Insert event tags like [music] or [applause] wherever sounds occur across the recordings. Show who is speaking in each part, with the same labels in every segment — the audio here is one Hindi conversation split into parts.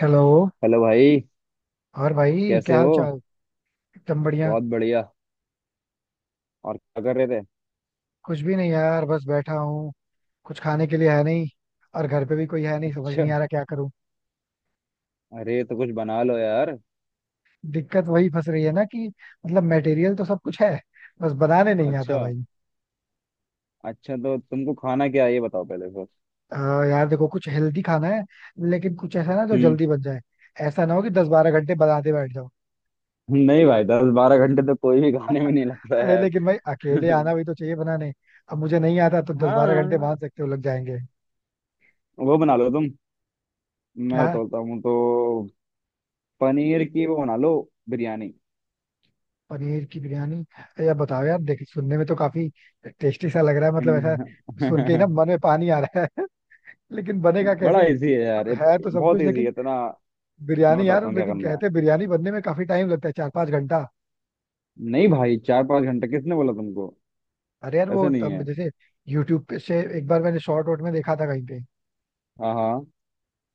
Speaker 1: हेलो।
Speaker 2: हेलो भाई।
Speaker 1: और भाई
Speaker 2: कैसे
Speaker 1: क्या
Speaker 2: हो?
Speaker 1: हाल चाल? एकदम बढ़िया।
Speaker 2: बहुत बढ़िया। और क्या कर रहे थे?
Speaker 1: कुछ भी नहीं यार, बस बैठा हूँ। कुछ खाने के लिए है नहीं। और घर पे भी कोई है नहीं, समझ
Speaker 2: अच्छा।
Speaker 1: नहीं आ रहा क्या करूँ।
Speaker 2: अरे तो कुछ बना लो यार।
Speaker 1: दिक्कत वही फंस रही है ना कि मतलब मटेरियल तो सब कुछ है, बस बनाने नहीं आता
Speaker 2: अच्छा।
Speaker 1: भाई।
Speaker 2: अच्छा तो तुमको खाना क्या है ये बताओ पहले। फिर
Speaker 1: यार देखो, कुछ हेल्दी खाना है, लेकिन कुछ ऐसा ना जो
Speaker 2: हम्म।
Speaker 1: जल्दी बन जाए। ऐसा ना हो कि दस बारह घंटे बनाते बैठ जाओ।
Speaker 2: नहीं भाई 10-12 घंटे तो कोई भी [laughs] खाने में
Speaker 1: [laughs]
Speaker 2: नहीं लगता
Speaker 1: अरे
Speaker 2: यार।
Speaker 1: लेकिन भाई अकेले
Speaker 2: [laughs]
Speaker 1: आना भी तो चाहिए बनाने। अब मुझे नहीं आता, तो दस बारह घंटे
Speaker 2: हाँ
Speaker 1: मान सकते हो लग जाएंगे।
Speaker 2: वो बना लो तुम। मैं
Speaker 1: क्या?
Speaker 2: बताता हूँ तो। पनीर की वो बना लो, बिरयानी।
Speaker 1: पनीर की बिरयानी? या बताओ यार, देख सुनने में तो काफी टेस्टी सा लग रहा है, मतलब ऐसा।
Speaker 2: [laughs]
Speaker 1: सुन के ही ना मन में पानी आ रहा है। [laughs] लेकिन बनेगा
Speaker 2: बड़ा
Speaker 1: कैसे?
Speaker 2: इजी है यार,
Speaker 1: मतलब है तो सब
Speaker 2: बहुत
Speaker 1: कुछ
Speaker 2: इजी है
Speaker 1: लेकिन।
Speaker 2: इतना। मैं
Speaker 1: बिरयानी
Speaker 2: बताता
Speaker 1: यार,
Speaker 2: हूँ क्या
Speaker 1: लेकिन
Speaker 2: करना है।
Speaker 1: कहते हैं बिरयानी बनने में काफी टाइम लगता है, चार पाँच घंटा।
Speaker 2: नहीं भाई 4-5 घंटे किसने बोला तुमको?
Speaker 1: अरे यार
Speaker 2: ऐसा
Speaker 1: वो
Speaker 2: नहीं है।
Speaker 1: हम जैसे यूट्यूब पे से एक बार मैंने शॉर्ट वॉर्ट में देखा था कहीं पे।
Speaker 2: हाँ हाँ।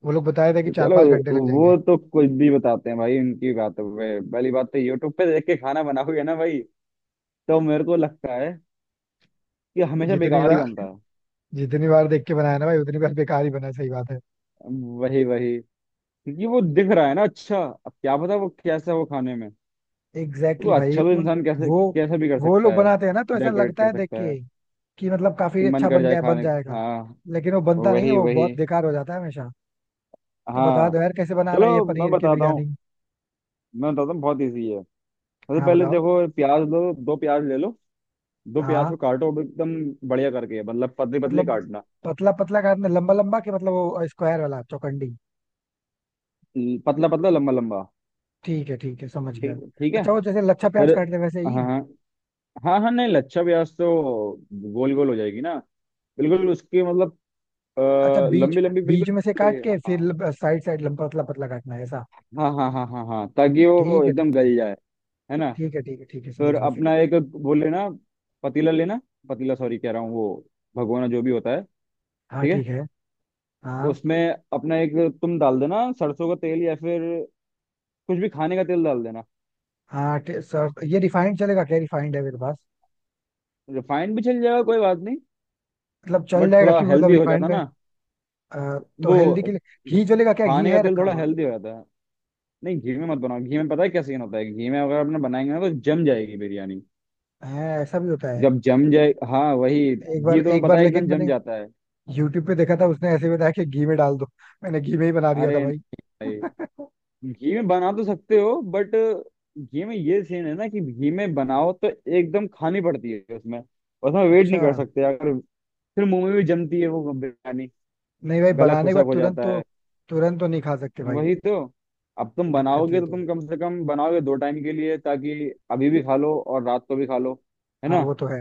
Speaker 1: वो लोग बताया था कि
Speaker 2: तो
Speaker 1: चार
Speaker 2: चलो,
Speaker 1: पाँच घंटे लग जाएंगे।
Speaker 2: वो तो कुछ भी बताते हैं भाई उनकी बातों पे। पहली बात तो यूट्यूब पे देख के खाना बनाओगे ना भाई, तो मेरे को लगता है कि हमेशा
Speaker 1: जितनी
Speaker 2: बेकार ही
Speaker 1: बार
Speaker 2: बनता है।
Speaker 1: जितनी बार देख के बनाया ना भाई, उतनी बार बेकार ही बना, सही बात है।
Speaker 2: वही वही। क्योंकि वो दिख रहा है ना अच्छा, अब क्या पता वो कैसा हो खाने में। तो
Speaker 1: एग्जैक्टली भाई,
Speaker 2: अच्छा, तो
Speaker 1: उन
Speaker 2: इंसान कैसे
Speaker 1: वो
Speaker 2: कैसा भी कर
Speaker 1: वो
Speaker 2: सकता
Speaker 1: लोग
Speaker 2: है,
Speaker 1: बनाते हैं ना तो ऐसा
Speaker 2: डेकोरेट
Speaker 1: लगता
Speaker 2: कर
Speaker 1: है देख
Speaker 2: सकता है
Speaker 1: के कि मतलब
Speaker 2: कि
Speaker 1: काफी
Speaker 2: मन
Speaker 1: अच्छा
Speaker 2: कर
Speaker 1: बन
Speaker 2: जाए
Speaker 1: गया है, बन
Speaker 2: खाने।
Speaker 1: जाएगा।
Speaker 2: हाँ।
Speaker 1: लेकिन वो बनता नहीं है,
Speaker 2: वही
Speaker 1: वो
Speaker 2: वही।
Speaker 1: बहुत बेकार हो जाता है हमेशा। तो बता
Speaker 2: हाँ
Speaker 1: दो यार, कैसे बनाना है ये
Speaker 2: चलो। मैं
Speaker 1: पनीर की
Speaker 2: बताता हूँ,
Speaker 1: बिरयानी?
Speaker 2: मैं बताता हूँ बहुत ईजी है। सबसे
Speaker 1: हाँ,
Speaker 2: पहले
Speaker 1: बताओ।
Speaker 2: देखो, प्याज लो, दो प्याज ले लो। दो प्याज
Speaker 1: हाँ
Speaker 2: को काटो अब एकदम बढ़िया करके, मतलब पतली पतली
Speaker 1: मतलब,
Speaker 2: काटना,
Speaker 1: पतला पतला काटना, लंबा लंबा के मतलब वो स्क्वायर वाला, चौकंडी?
Speaker 2: पतला पतला लंबा लंबा।
Speaker 1: ठीक है, ठीक है, समझ गया।
Speaker 2: ठीक ठीक है।
Speaker 1: अच्छा, वो जैसे लच्छा
Speaker 2: फिर
Speaker 1: प्याज काटते हैं वैसे
Speaker 2: हाँ
Speaker 1: ही?
Speaker 2: हाँ हाँ हाँ, नहीं लच्छा प्याज तो गोल गोल हो जाएगी ना। बिल्कुल उसकी मतलब अ,
Speaker 1: अच्छा, बीच
Speaker 2: लंबी लंबी
Speaker 1: बीच में से
Speaker 2: बिल्कुल
Speaker 1: काट के फिर साइड साइड लंबा पतला पतला काटना है ऐसा?
Speaker 2: हाँ हाँ हाँ हाँ हाँ हाँ, ताकि वो
Speaker 1: ठीक है,
Speaker 2: एकदम
Speaker 1: ठीक है,
Speaker 2: गल जाए, है ना?
Speaker 1: ठीक है, ठीक है, ठीक है,
Speaker 2: फिर
Speaker 1: समझ गया फिर।
Speaker 2: अपना एक वो लेना, पतीला लेना। पतीला सॉरी कह रहा हूँ, वो भगोना जो भी होता है।
Speaker 1: हाँ
Speaker 2: ठीक है।
Speaker 1: ठीक है। हाँ
Speaker 2: उसमें अपना एक, तुम डाल देना सरसों का तेल या फिर कुछ भी खाने का तेल डाल देना।
Speaker 1: हाँ, सर ये रिफाइंड चलेगा क्या? रिफाइंड है मेरे पास।
Speaker 2: रिफाइंड भी चल जाएगा, कोई बात नहीं।
Speaker 1: मतलब चल
Speaker 2: बट
Speaker 1: जाएगा
Speaker 2: थोड़ा
Speaker 1: कि मतलब
Speaker 2: हेल्दी हो
Speaker 1: रिफाइंड
Speaker 2: जाता
Speaker 1: में?
Speaker 2: ना
Speaker 1: तो हेल्दी
Speaker 2: वो,
Speaker 1: के लिए घी जो, लेगा क्या? घी
Speaker 2: खाने का
Speaker 1: है
Speaker 2: तेल
Speaker 1: रखा
Speaker 2: थोड़ा
Speaker 1: हुआ?
Speaker 2: हेल्दी हो जाता है। नहीं घी में मत बनाओ, घी में पता है क्या सीन होता है, घी में अगर अपने बनाएंगे ना तो जम जाएगी बिरयानी।
Speaker 1: है? ऐसा भी होता है?
Speaker 2: जब जम जाए, हाँ वही
Speaker 1: एक बार
Speaker 2: घी तो मैं
Speaker 1: एक
Speaker 2: पता
Speaker 1: बार
Speaker 2: है
Speaker 1: लेकिन
Speaker 2: एकदम जम
Speaker 1: मैंने
Speaker 2: जाता है।
Speaker 1: यूट्यूब पे देखा था, उसने ऐसे बताया कि घी में डाल दो। मैंने घी में ही बना दिया था
Speaker 2: अरे
Speaker 1: भाई।
Speaker 2: नहीं,
Speaker 1: [laughs]
Speaker 2: घी में बना तो सकते हो बट घी में ये सीन है ना कि घी में बनाओ तो एकदम खानी पड़ती है, उसमें उसमें वेट नहीं
Speaker 1: अच्छा।
Speaker 2: कर सकते अगर। फिर मुंह में भी जमती है वो बिरयानी,
Speaker 1: नहीं भाई,
Speaker 2: गला
Speaker 1: बनाने के
Speaker 2: खुशक
Speaker 1: बाद
Speaker 2: हो
Speaker 1: तुरंत
Speaker 2: जाता।
Speaker 1: तो तुरंत तो नहीं खा सकते भाई।
Speaker 2: वही तो। अब तुम
Speaker 1: दिक्कत
Speaker 2: बनाओगे
Speaker 1: ये
Speaker 2: तो
Speaker 1: तो है।
Speaker 2: तुम कम से कम बनाओगे दो टाइम के लिए, ताकि अभी भी खा लो और रात को भी खा लो। है
Speaker 1: हाँ,
Speaker 2: ना?
Speaker 1: वो तो है।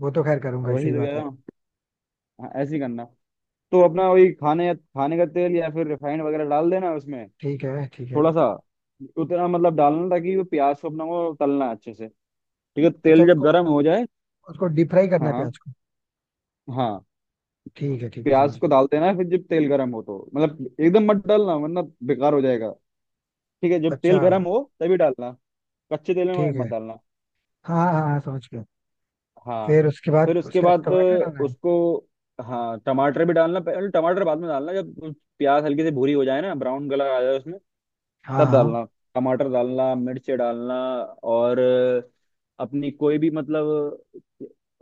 Speaker 1: वो तो खैर करूंगा ही,
Speaker 2: वही
Speaker 1: सही
Speaker 2: तो कह
Speaker 1: बात है।
Speaker 2: रहा हूँ। हाँ, ऐसे ही करना। तो अपना वही खाने खाने का तेल या फिर रिफाइंड वगैरह डाल देना उसमें।
Speaker 1: ठीक है, ठीक है।
Speaker 2: थोड़ा सा, उतना मतलब डालना ताकि वो प्याज को अपना वो तलना है अच्छे से। ठीक है,
Speaker 1: अच्छा,
Speaker 2: तेल जब
Speaker 1: उसको
Speaker 2: गर्म हो जाए,
Speaker 1: उसको डीप फ्राई करना
Speaker 2: हाँ
Speaker 1: है
Speaker 2: हाँ
Speaker 1: प्याज को?
Speaker 2: हाँ,
Speaker 1: ठीक है, ठीक है, समझ
Speaker 2: प्याज को
Speaker 1: गया।
Speaker 2: डाल देना है। फिर जब तेल गर्म हो तो मतलब एकदम मत डालना वरना बेकार हो जाएगा। ठीक है, जब तेल
Speaker 1: अच्छा,
Speaker 2: गर्म हो तभी डालना, कच्चे तेल में
Speaker 1: ठीक
Speaker 2: मत
Speaker 1: है।
Speaker 2: डालना।
Speaker 1: हाँ हाँ हाँ, समझ गया।
Speaker 2: हाँ।
Speaker 1: फिर उसके बाद
Speaker 2: फिर उसके
Speaker 1: उसका
Speaker 2: बाद
Speaker 1: टमाटर डालना है?
Speaker 2: उसको, हाँ टमाटर भी डालना, पहले टमाटर बाद में डालना, जब प्याज हल्की सी भूरी हो जाए ना, ब्राउन कलर आ जाए उसमें,
Speaker 1: हाँ,
Speaker 2: तब
Speaker 1: हाँ।
Speaker 2: डालना। टमाटर डालना, मिर्च डालना, और अपनी कोई भी, मतलब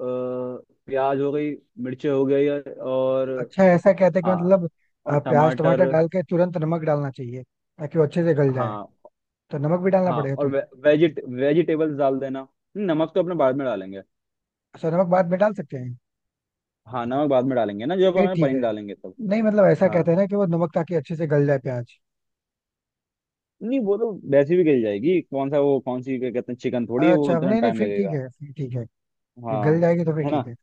Speaker 2: अ, प्याज हो गई, मिर्च हो गई, और
Speaker 1: अच्छा ऐसा कहते हैं कि
Speaker 2: हाँ,
Speaker 1: मतलब,
Speaker 2: और
Speaker 1: प्याज
Speaker 2: टमाटर।
Speaker 1: टमाटर डाल के तुरंत नमक डालना चाहिए, ताकि वो अच्छे से गल जाए।
Speaker 2: हाँ
Speaker 1: तो नमक भी डालना
Speaker 2: हाँ,
Speaker 1: पड़ेगा
Speaker 2: और
Speaker 1: तुरंत?
Speaker 2: वेजिटेबल्स डाल देना। नमक तो अपने बाद में डालेंगे।
Speaker 1: अच्छा, नमक बाद में डाल सकते हैं?
Speaker 2: हाँ, नमक बाद में डालेंगे ना, जब
Speaker 1: फिर
Speaker 2: हमें
Speaker 1: ठीक
Speaker 2: पनीर
Speaker 1: है।
Speaker 2: डालेंगे तब।
Speaker 1: नहीं मतलब ऐसा
Speaker 2: हाँ।
Speaker 1: कहते हैं ना कि वो नमक ताकि अच्छे से गल जाए प्याज।
Speaker 2: नहीं वो तो वैसे भी गल जाएगी, कौन सा वो, कौन सी, क्या कहते हैं, चिकन थोड़ी है वो
Speaker 1: अच्छा,
Speaker 2: इतना
Speaker 1: नहीं नहीं,
Speaker 2: टाइम
Speaker 1: फिर ठीक
Speaker 2: लगेगा।
Speaker 1: है, फिर ठीक है। फिर
Speaker 2: हाँ।
Speaker 1: गल जाएगी तो फिर
Speaker 2: है ना?
Speaker 1: ठीक है।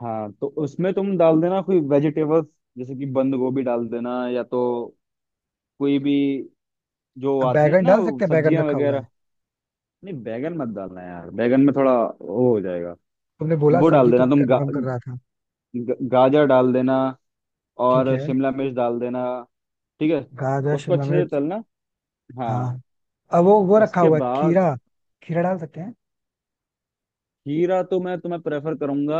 Speaker 2: हाँ, तो उसमें तुम डाल देना कोई वेजिटेबल्स, जैसे कि बंद गोभी डाल देना, या तो कोई भी जो
Speaker 1: अब
Speaker 2: आती है
Speaker 1: बैगन
Speaker 2: ना
Speaker 1: डाल
Speaker 2: वो
Speaker 1: सकते हैं? बैगन
Speaker 2: सब्जियां
Speaker 1: रखा हुआ है।
Speaker 2: वगैरह। नहीं बैगन मत डालना यार, बैगन में थोड़ा वो हो जाएगा।
Speaker 1: तुमने बोला
Speaker 2: वो डाल
Speaker 1: सब्जी तो
Speaker 2: देना
Speaker 1: मैं
Speaker 2: तुम
Speaker 1: कंफर्म कर रहा था।
Speaker 2: गाजर डाल देना,
Speaker 1: ठीक
Speaker 2: और
Speaker 1: है।
Speaker 2: शिमला मिर्च डाल देना। ठीक है,
Speaker 1: गाजर,
Speaker 2: उसको
Speaker 1: शिमला
Speaker 2: अच्छे से
Speaker 1: मिर्च।
Speaker 2: तलना।
Speaker 1: हाँ।
Speaker 2: हाँ।
Speaker 1: अब वो रखा
Speaker 2: उसके
Speaker 1: हुआ है
Speaker 2: बाद
Speaker 1: खीरा, खीरा डाल सकते हैं?
Speaker 2: खीरा तो मैं तुम्हें प्रेफर करूंगा,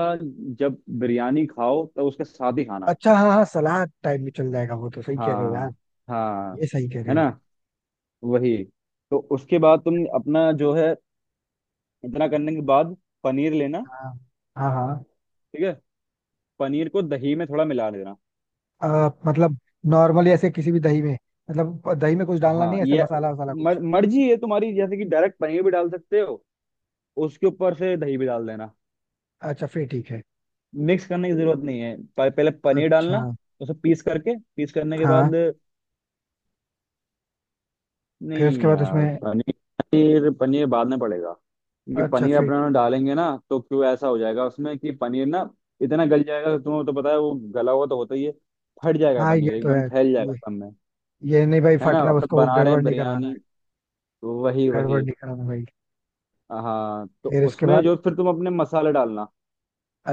Speaker 2: जब बिरयानी खाओ तो उसके साथ ही खाना।
Speaker 1: अच्छा हाँ हाँ, सलाद टाइप में चल जाएगा वो तो, सही कह रहे हो यार।
Speaker 2: हाँ हाँ।
Speaker 1: ये सही कह
Speaker 2: है
Speaker 1: रहे हो।
Speaker 2: ना? वही। तो उसके बाद तुम अपना जो है, इतना करने के बाद, पनीर लेना।
Speaker 1: हाँ हाँ। हाँ।
Speaker 2: ठीक है। पनीर को दही में थोड़ा मिला देना।
Speaker 1: मतलब नॉर्मली ऐसे किसी भी दही में, मतलब दही में कुछ डालना
Speaker 2: हाँ,
Speaker 1: नहीं है, ऐसे
Speaker 2: ये
Speaker 1: मसाला वसाला कुछ?
Speaker 2: मर्जी है तुम्हारी, जैसे कि डायरेक्ट पनीर भी डाल सकते हो, उसके ऊपर से दही भी डाल देना,
Speaker 1: अच्छा फिर ठीक है।
Speaker 2: मिक्स करने की जरूरत नहीं है। पहले पनीर
Speaker 1: अच्छा।
Speaker 2: डालना, उसे पीस करके, पीस करने के
Speaker 1: हाँ।
Speaker 2: बाद,
Speaker 1: फिर उसके
Speaker 2: नहीं
Speaker 1: बाद
Speaker 2: यार,
Speaker 1: उसमें?
Speaker 2: पनीर पनीर पनीर बाद में पड़ेगा। क्योंकि
Speaker 1: अच्छा
Speaker 2: पनीर
Speaker 1: फिर।
Speaker 2: अपना डालेंगे ना तो क्यों ऐसा हो जाएगा उसमें कि पनीर ना इतना गल जाएगा, तो तुम्हें तो पता है वो गला हुआ तो होता ही है। फट जाएगा
Speaker 1: हाँ।
Speaker 2: पनीर,
Speaker 1: ये तो
Speaker 2: एकदम
Speaker 1: है।
Speaker 2: फैल जाएगा
Speaker 1: ये
Speaker 2: सब में।
Speaker 1: ये नहीं भाई,
Speaker 2: है ना,
Speaker 1: फटना
Speaker 2: अपने
Speaker 1: उसको,
Speaker 2: बना रहे
Speaker 1: गड़बड़
Speaker 2: हैं
Speaker 1: नहीं करवाना है।
Speaker 2: बिरयानी। वही
Speaker 1: गड़बड़
Speaker 2: वही।
Speaker 1: नहीं कराना भाई।
Speaker 2: हाँ, तो
Speaker 1: फिर इसके
Speaker 2: उसमें
Speaker 1: बाद?
Speaker 2: जो फिर तुम अपने मसाले डालना,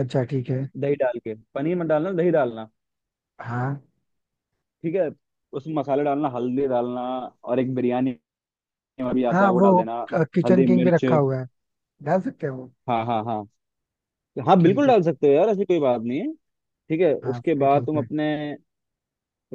Speaker 1: अच्छा ठीक है।
Speaker 2: दही डाल के, पनीर मत डालना, दही डालना।
Speaker 1: हाँ।
Speaker 2: ठीक है। उसमें मसाले डालना, हल्दी डालना, और एक बिरयानी में भी आता
Speaker 1: हाँ
Speaker 2: है वो
Speaker 1: वो,
Speaker 2: डाल देना।
Speaker 1: किचन
Speaker 2: हल्दी
Speaker 1: किंग भी
Speaker 2: मिर्च।
Speaker 1: रखा हुआ है, डाल सकते हैं वो?
Speaker 2: हाँ हाँ हाँ, तो हाँ
Speaker 1: ठीक
Speaker 2: बिल्कुल
Speaker 1: है।
Speaker 2: डाल सकते हो यार, ऐसी कोई बात नहीं है। ठीक है,
Speaker 1: हाँ
Speaker 2: उसके
Speaker 1: फिर
Speaker 2: बाद
Speaker 1: ठीक
Speaker 2: तुम
Speaker 1: है।
Speaker 2: अपने,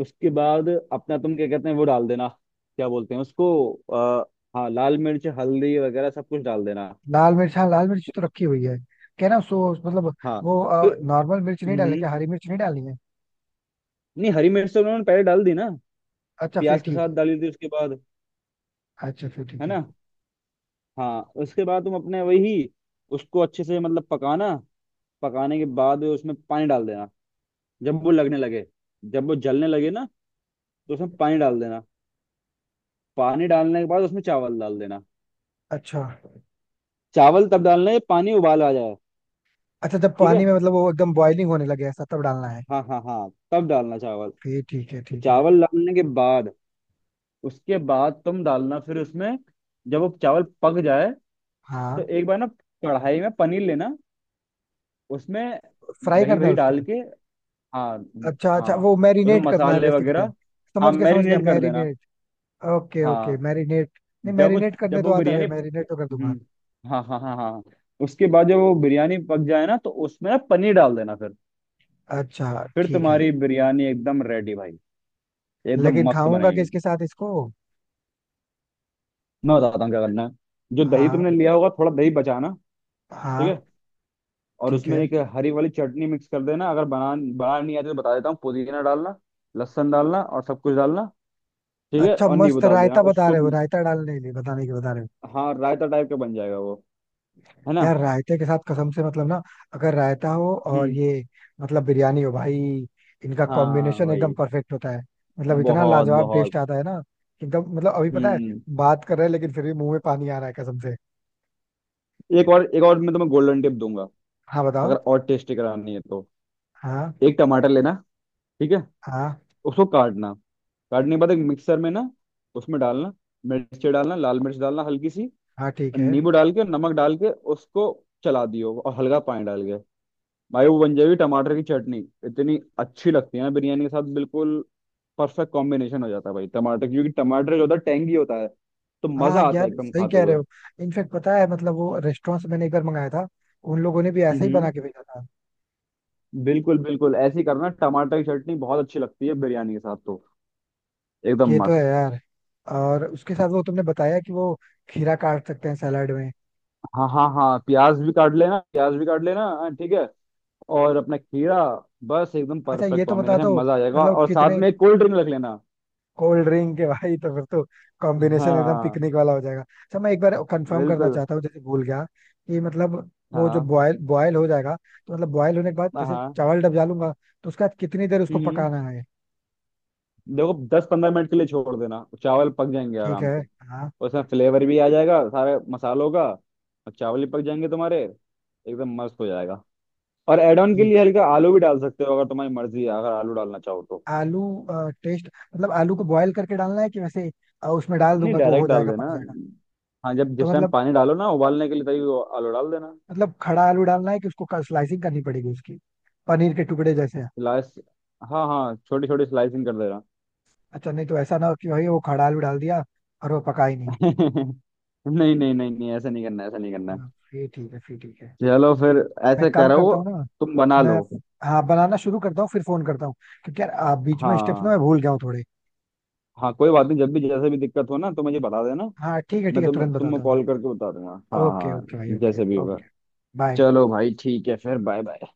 Speaker 2: उसके बाद अपना तुम क्या कहते हैं वो डाल देना, क्या बोलते हैं उसको, आ, हाँ, लाल मिर्च, हल्दी वगैरह सब कुछ डाल देना।
Speaker 1: लाल मिर्च, हाँ लाल मिर्च तो रखी हुई है। कहना सो मतलब,
Speaker 2: हाँ।
Speaker 1: वो
Speaker 2: फिर
Speaker 1: नॉर्मल मिर्च नहीं डालने
Speaker 2: हम्म,
Speaker 1: क्या, हरी मिर्च नहीं डालनी है?
Speaker 2: नहीं हरी मिर्च तो उन्होंने पहले डाल दी ना,
Speaker 1: अच्छा फिर
Speaker 2: प्याज के
Speaker 1: ठीक
Speaker 2: साथ
Speaker 1: है।
Speaker 2: डाली थी उसके बाद।
Speaker 1: अच्छा फिर
Speaker 2: है
Speaker 1: ठीक है।
Speaker 2: ना? हाँ, उसके बाद तुम अपने वही, उसको अच्छे से मतलब पकाना। पकाने के बाद उसमें पानी डाल देना, जब वो लगने लगे, जब वो जलने लगे ना, तो उसमें पानी डाल देना। पानी डालने के बाद उसमें चावल डाल देना।
Speaker 1: अच्छा।
Speaker 2: चावल तब डालना है, पानी उबाल आ जाए।
Speaker 1: अच्छा जब
Speaker 2: ठीक है,
Speaker 1: पानी में मतलब वो एकदम बॉइलिंग होने लगे ऐसा, तब डालना है?
Speaker 2: हाँ हाँ हाँ, तब डालना चावल।
Speaker 1: फिर ठीक है,
Speaker 2: तो
Speaker 1: ठीक है।
Speaker 2: चावल डालने के बाद, उसके बाद तुम डालना फिर उसमें, जब वो चावल पक जाए, तो
Speaker 1: हाँ।
Speaker 2: एक बार ना कढ़ाई में पनीर लेना, उसमें
Speaker 1: फ्राई
Speaker 2: दही
Speaker 1: करना
Speaker 2: वही
Speaker 1: है उसको?
Speaker 2: डाल के। हाँ
Speaker 1: अच्छा, अच्छा
Speaker 2: हाँ,
Speaker 1: वो
Speaker 2: उसमें
Speaker 1: मैरिनेट करना है
Speaker 2: मसाले
Speaker 1: बेसिकली।
Speaker 2: वगैरह। हाँ
Speaker 1: समझ गया, समझ गया,
Speaker 2: मैरिनेट कर देना।
Speaker 1: मैरिनेट। ओके ओके,
Speaker 2: हाँ।
Speaker 1: मैरिनेट। नहीं,
Speaker 2: जब वो,
Speaker 1: मैरिनेट
Speaker 2: जब
Speaker 1: करने तो
Speaker 2: वो
Speaker 1: आता
Speaker 2: बिरयानी,
Speaker 1: है, मैरिनेट तो कर दूंगा।
Speaker 2: हाँ हाँ हाँ हाँ, उसके बाद जब वो बिरयानी पक जाए ना तो उसमें ना पनीर डाल देना फिर।
Speaker 1: अच्छा
Speaker 2: फिर
Speaker 1: ठीक है।
Speaker 2: तुम्हारी बिरयानी एकदम रेडी भाई, एकदम
Speaker 1: लेकिन
Speaker 2: मस्त
Speaker 1: खाऊंगा
Speaker 2: बनेगी।
Speaker 1: किसके साथ इसको?
Speaker 2: मैं बताता हूँ क्या करना है, जो दही
Speaker 1: हाँ।
Speaker 2: तुमने लिया होगा थोड़ा दही बचाना। ठीक है।
Speaker 1: हाँ।
Speaker 2: और
Speaker 1: ठीक
Speaker 2: उसमें
Speaker 1: है।
Speaker 2: एक हरी वाली चटनी मिक्स कर देना, अगर बना बना नहीं आती तो बता देता हूँ, पुदीना डालना, लहसुन डालना और सब कुछ डालना। ठीक है,
Speaker 1: अच्छा
Speaker 2: और नींबू
Speaker 1: मस्त,
Speaker 2: डाल देना
Speaker 1: रायता बता
Speaker 2: उसको।
Speaker 1: रहे हो, रायता डालने के लिए बताने के बता रहे हो।
Speaker 2: हाँ, रायता टाइप का बन जाएगा वो, है ना?
Speaker 1: यार रायते के साथ कसम से, मतलब ना, अगर रायता हो और
Speaker 2: हम्म।
Speaker 1: ये, मतलब बिरयानी हो भाई, इनका
Speaker 2: हाँ
Speaker 1: कॉम्बिनेशन एकदम
Speaker 2: वही।
Speaker 1: परफेक्ट होता है। मतलब इतना
Speaker 2: बहुत
Speaker 1: लाजवाब
Speaker 2: बहुत।
Speaker 1: टेस्ट आता है ना कि एकदम, मतलब अभी पता है
Speaker 2: हम्म।
Speaker 1: बात कर रहे हैं, लेकिन फिर भी मुंह में पानी आ रहा है कसम से।
Speaker 2: एक और, एक और मैं तुम्हें गोल्डन टिप दूंगा,
Speaker 1: हाँ, बताओ।
Speaker 2: अगर और टेस्टी करानी है तो।
Speaker 1: हाँ।
Speaker 2: एक टमाटर लेना, ठीक है?
Speaker 1: हाँ।
Speaker 2: उसको काटना, काटने के बाद एक मिक्सर में ना उसमें डालना, मिर्च डालना, लाल मिर्च डालना हल्की सी,
Speaker 1: हाँ। ठीक है।
Speaker 2: नींबू डाल के, नमक डाल के उसको चला दियो, और हल्का पानी डाल के। भाई, वो बन जाएगी टमाटर की चटनी। इतनी अच्छी लगती है ना बिरयानी के साथ, बिल्कुल परफेक्ट कॉम्बिनेशन हो जाता है भाई। टमाटर, क्योंकि टमाटर जो होता है टेंगी होता है, तो मजा
Speaker 1: हाँ
Speaker 2: आता है
Speaker 1: यार,
Speaker 2: एकदम
Speaker 1: सही
Speaker 2: खाते
Speaker 1: कह
Speaker 2: हुए।
Speaker 1: रहे हो। इनफेक्ट पता है, मतलब वो रेस्टोरेंट से मैंने एक बार मंगाया था, उन लोगों ने भी ऐसे ही
Speaker 2: हम्म।
Speaker 1: बना के भेजा था।
Speaker 2: बिल्कुल बिल्कुल ऐसे ही करना, टमाटर की चटनी बहुत अच्छी लगती है बिरयानी के साथ तो। एकदम
Speaker 1: ये तो
Speaker 2: मस्त।
Speaker 1: है यार। और उसके साथ वो तुमने बताया कि वो खीरा काट सकते हैं, सैलाड में।
Speaker 2: हाँ हाँ हाँ, प्याज भी काट लेना, प्याज भी काट लेना। हाँ, ठीक है। और अपना खीरा, बस एकदम
Speaker 1: अच्छा ये
Speaker 2: परफेक्ट
Speaker 1: तो बता दो,
Speaker 2: कॉम्बिनेशन, मजा आ जाएगा।
Speaker 1: मतलब
Speaker 2: और साथ
Speaker 1: कितने?
Speaker 2: में एक कोल्ड ड्रिंक रख लेना।
Speaker 1: कोल्ड ड्रिंक के भाई, तो फिर तो कॉम्बिनेशन एकदम
Speaker 2: हाँ
Speaker 1: पिकनिक वाला हो जाएगा। अच्छा मैं एक बार कंफर्म करना
Speaker 2: बिल्कुल।
Speaker 1: चाहता हूँ, जैसे भूल गया, कि मतलब वो जो
Speaker 2: हाँ
Speaker 1: बॉयल बॉयल हो जाएगा, तो मतलब बॉयल होने के बाद जैसे
Speaker 2: हाँ।
Speaker 1: चावल डब डालूंगा, तो उसके बाद कितनी देर उसको
Speaker 2: हम्म,
Speaker 1: पकाना है?
Speaker 2: देखो 10-15 मिनट के लिए छोड़ देना, चावल पक जाएंगे
Speaker 1: ठीक
Speaker 2: आराम
Speaker 1: है।
Speaker 2: से।
Speaker 1: हाँ।
Speaker 2: उसमें फ्लेवर भी आ जाएगा सारे मसालों का, और चावल भी पक जाएंगे तुम्हारे, एकदम मस्त हो जाएगा। और एड ऑन के
Speaker 1: ठीक।
Speaker 2: लिए हल्का आलू भी डाल सकते हो, अगर तुम्हारी मर्जी है, अगर आलू डालना चाहो तो।
Speaker 1: आलू, टेस्ट, मतलब आलू को बॉयल करके डालना है कि वैसे उसमें डाल
Speaker 2: नहीं,
Speaker 1: दूंगा तो हो
Speaker 2: डायरेक्ट डाल
Speaker 1: जाएगा, पक
Speaker 2: देना।
Speaker 1: जाएगा?
Speaker 2: हाँ, जब
Speaker 1: तो
Speaker 2: जिस टाइम
Speaker 1: मतलब
Speaker 2: पानी डालो ना उबालने के लिए, तभी वो आलू डाल देना।
Speaker 1: मतलब खड़ा आलू डालना है कि उसको स्लाइसिंग करनी पड़ेगी उसकी, पनीर के टुकड़े जैसे?
Speaker 2: स्लाइस, हाँ हाँ छोटी छोटी स्लाइसिंग कर देना।
Speaker 1: अच्छा, नहीं तो ऐसा ना हो कि भाई वो खड़ा आलू डाल दिया और वो पका ही नहीं।
Speaker 2: [laughs] नहीं नहीं नहीं नहीं, ऐसा नहीं करना, ऐसा नहीं करना
Speaker 1: हाँ,
Speaker 2: है।
Speaker 1: फिर ठीक है, फिर ठीक है।
Speaker 2: चलो फिर,
Speaker 1: मैं
Speaker 2: ऐसे
Speaker 1: काम
Speaker 2: करो,
Speaker 1: करता हूँ ना।
Speaker 2: तुम बना लो।
Speaker 1: मैं हाँ, बनाना शुरू करता हूँ, फिर फोन करता हूँ, क्योंकि यार बीच में स्टेप्स ना
Speaker 2: हाँ
Speaker 1: मैं भूल गया हूँ थोड़े।
Speaker 2: हाँ, कोई बात नहीं, जब भी जैसे भी दिक्कत हो ना तो मुझे बता देना,
Speaker 1: हाँ ठीक है, ठीक
Speaker 2: मैं
Speaker 1: है, तुरंत
Speaker 2: तुमको
Speaker 1: बताता हूँ मैं।
Speaker 2: कॉल करके बता दूंगा। हाँ
Speaker 1: ओके
Speaker 2: हाँ,
Speaker 1: ओके भाई, ओके
Speaker 2: जैसे भी होगा।
Speaker 1: ओके। बाय।
Speaker 2: चलो भाई, ठीक है फिर, बाय बाय।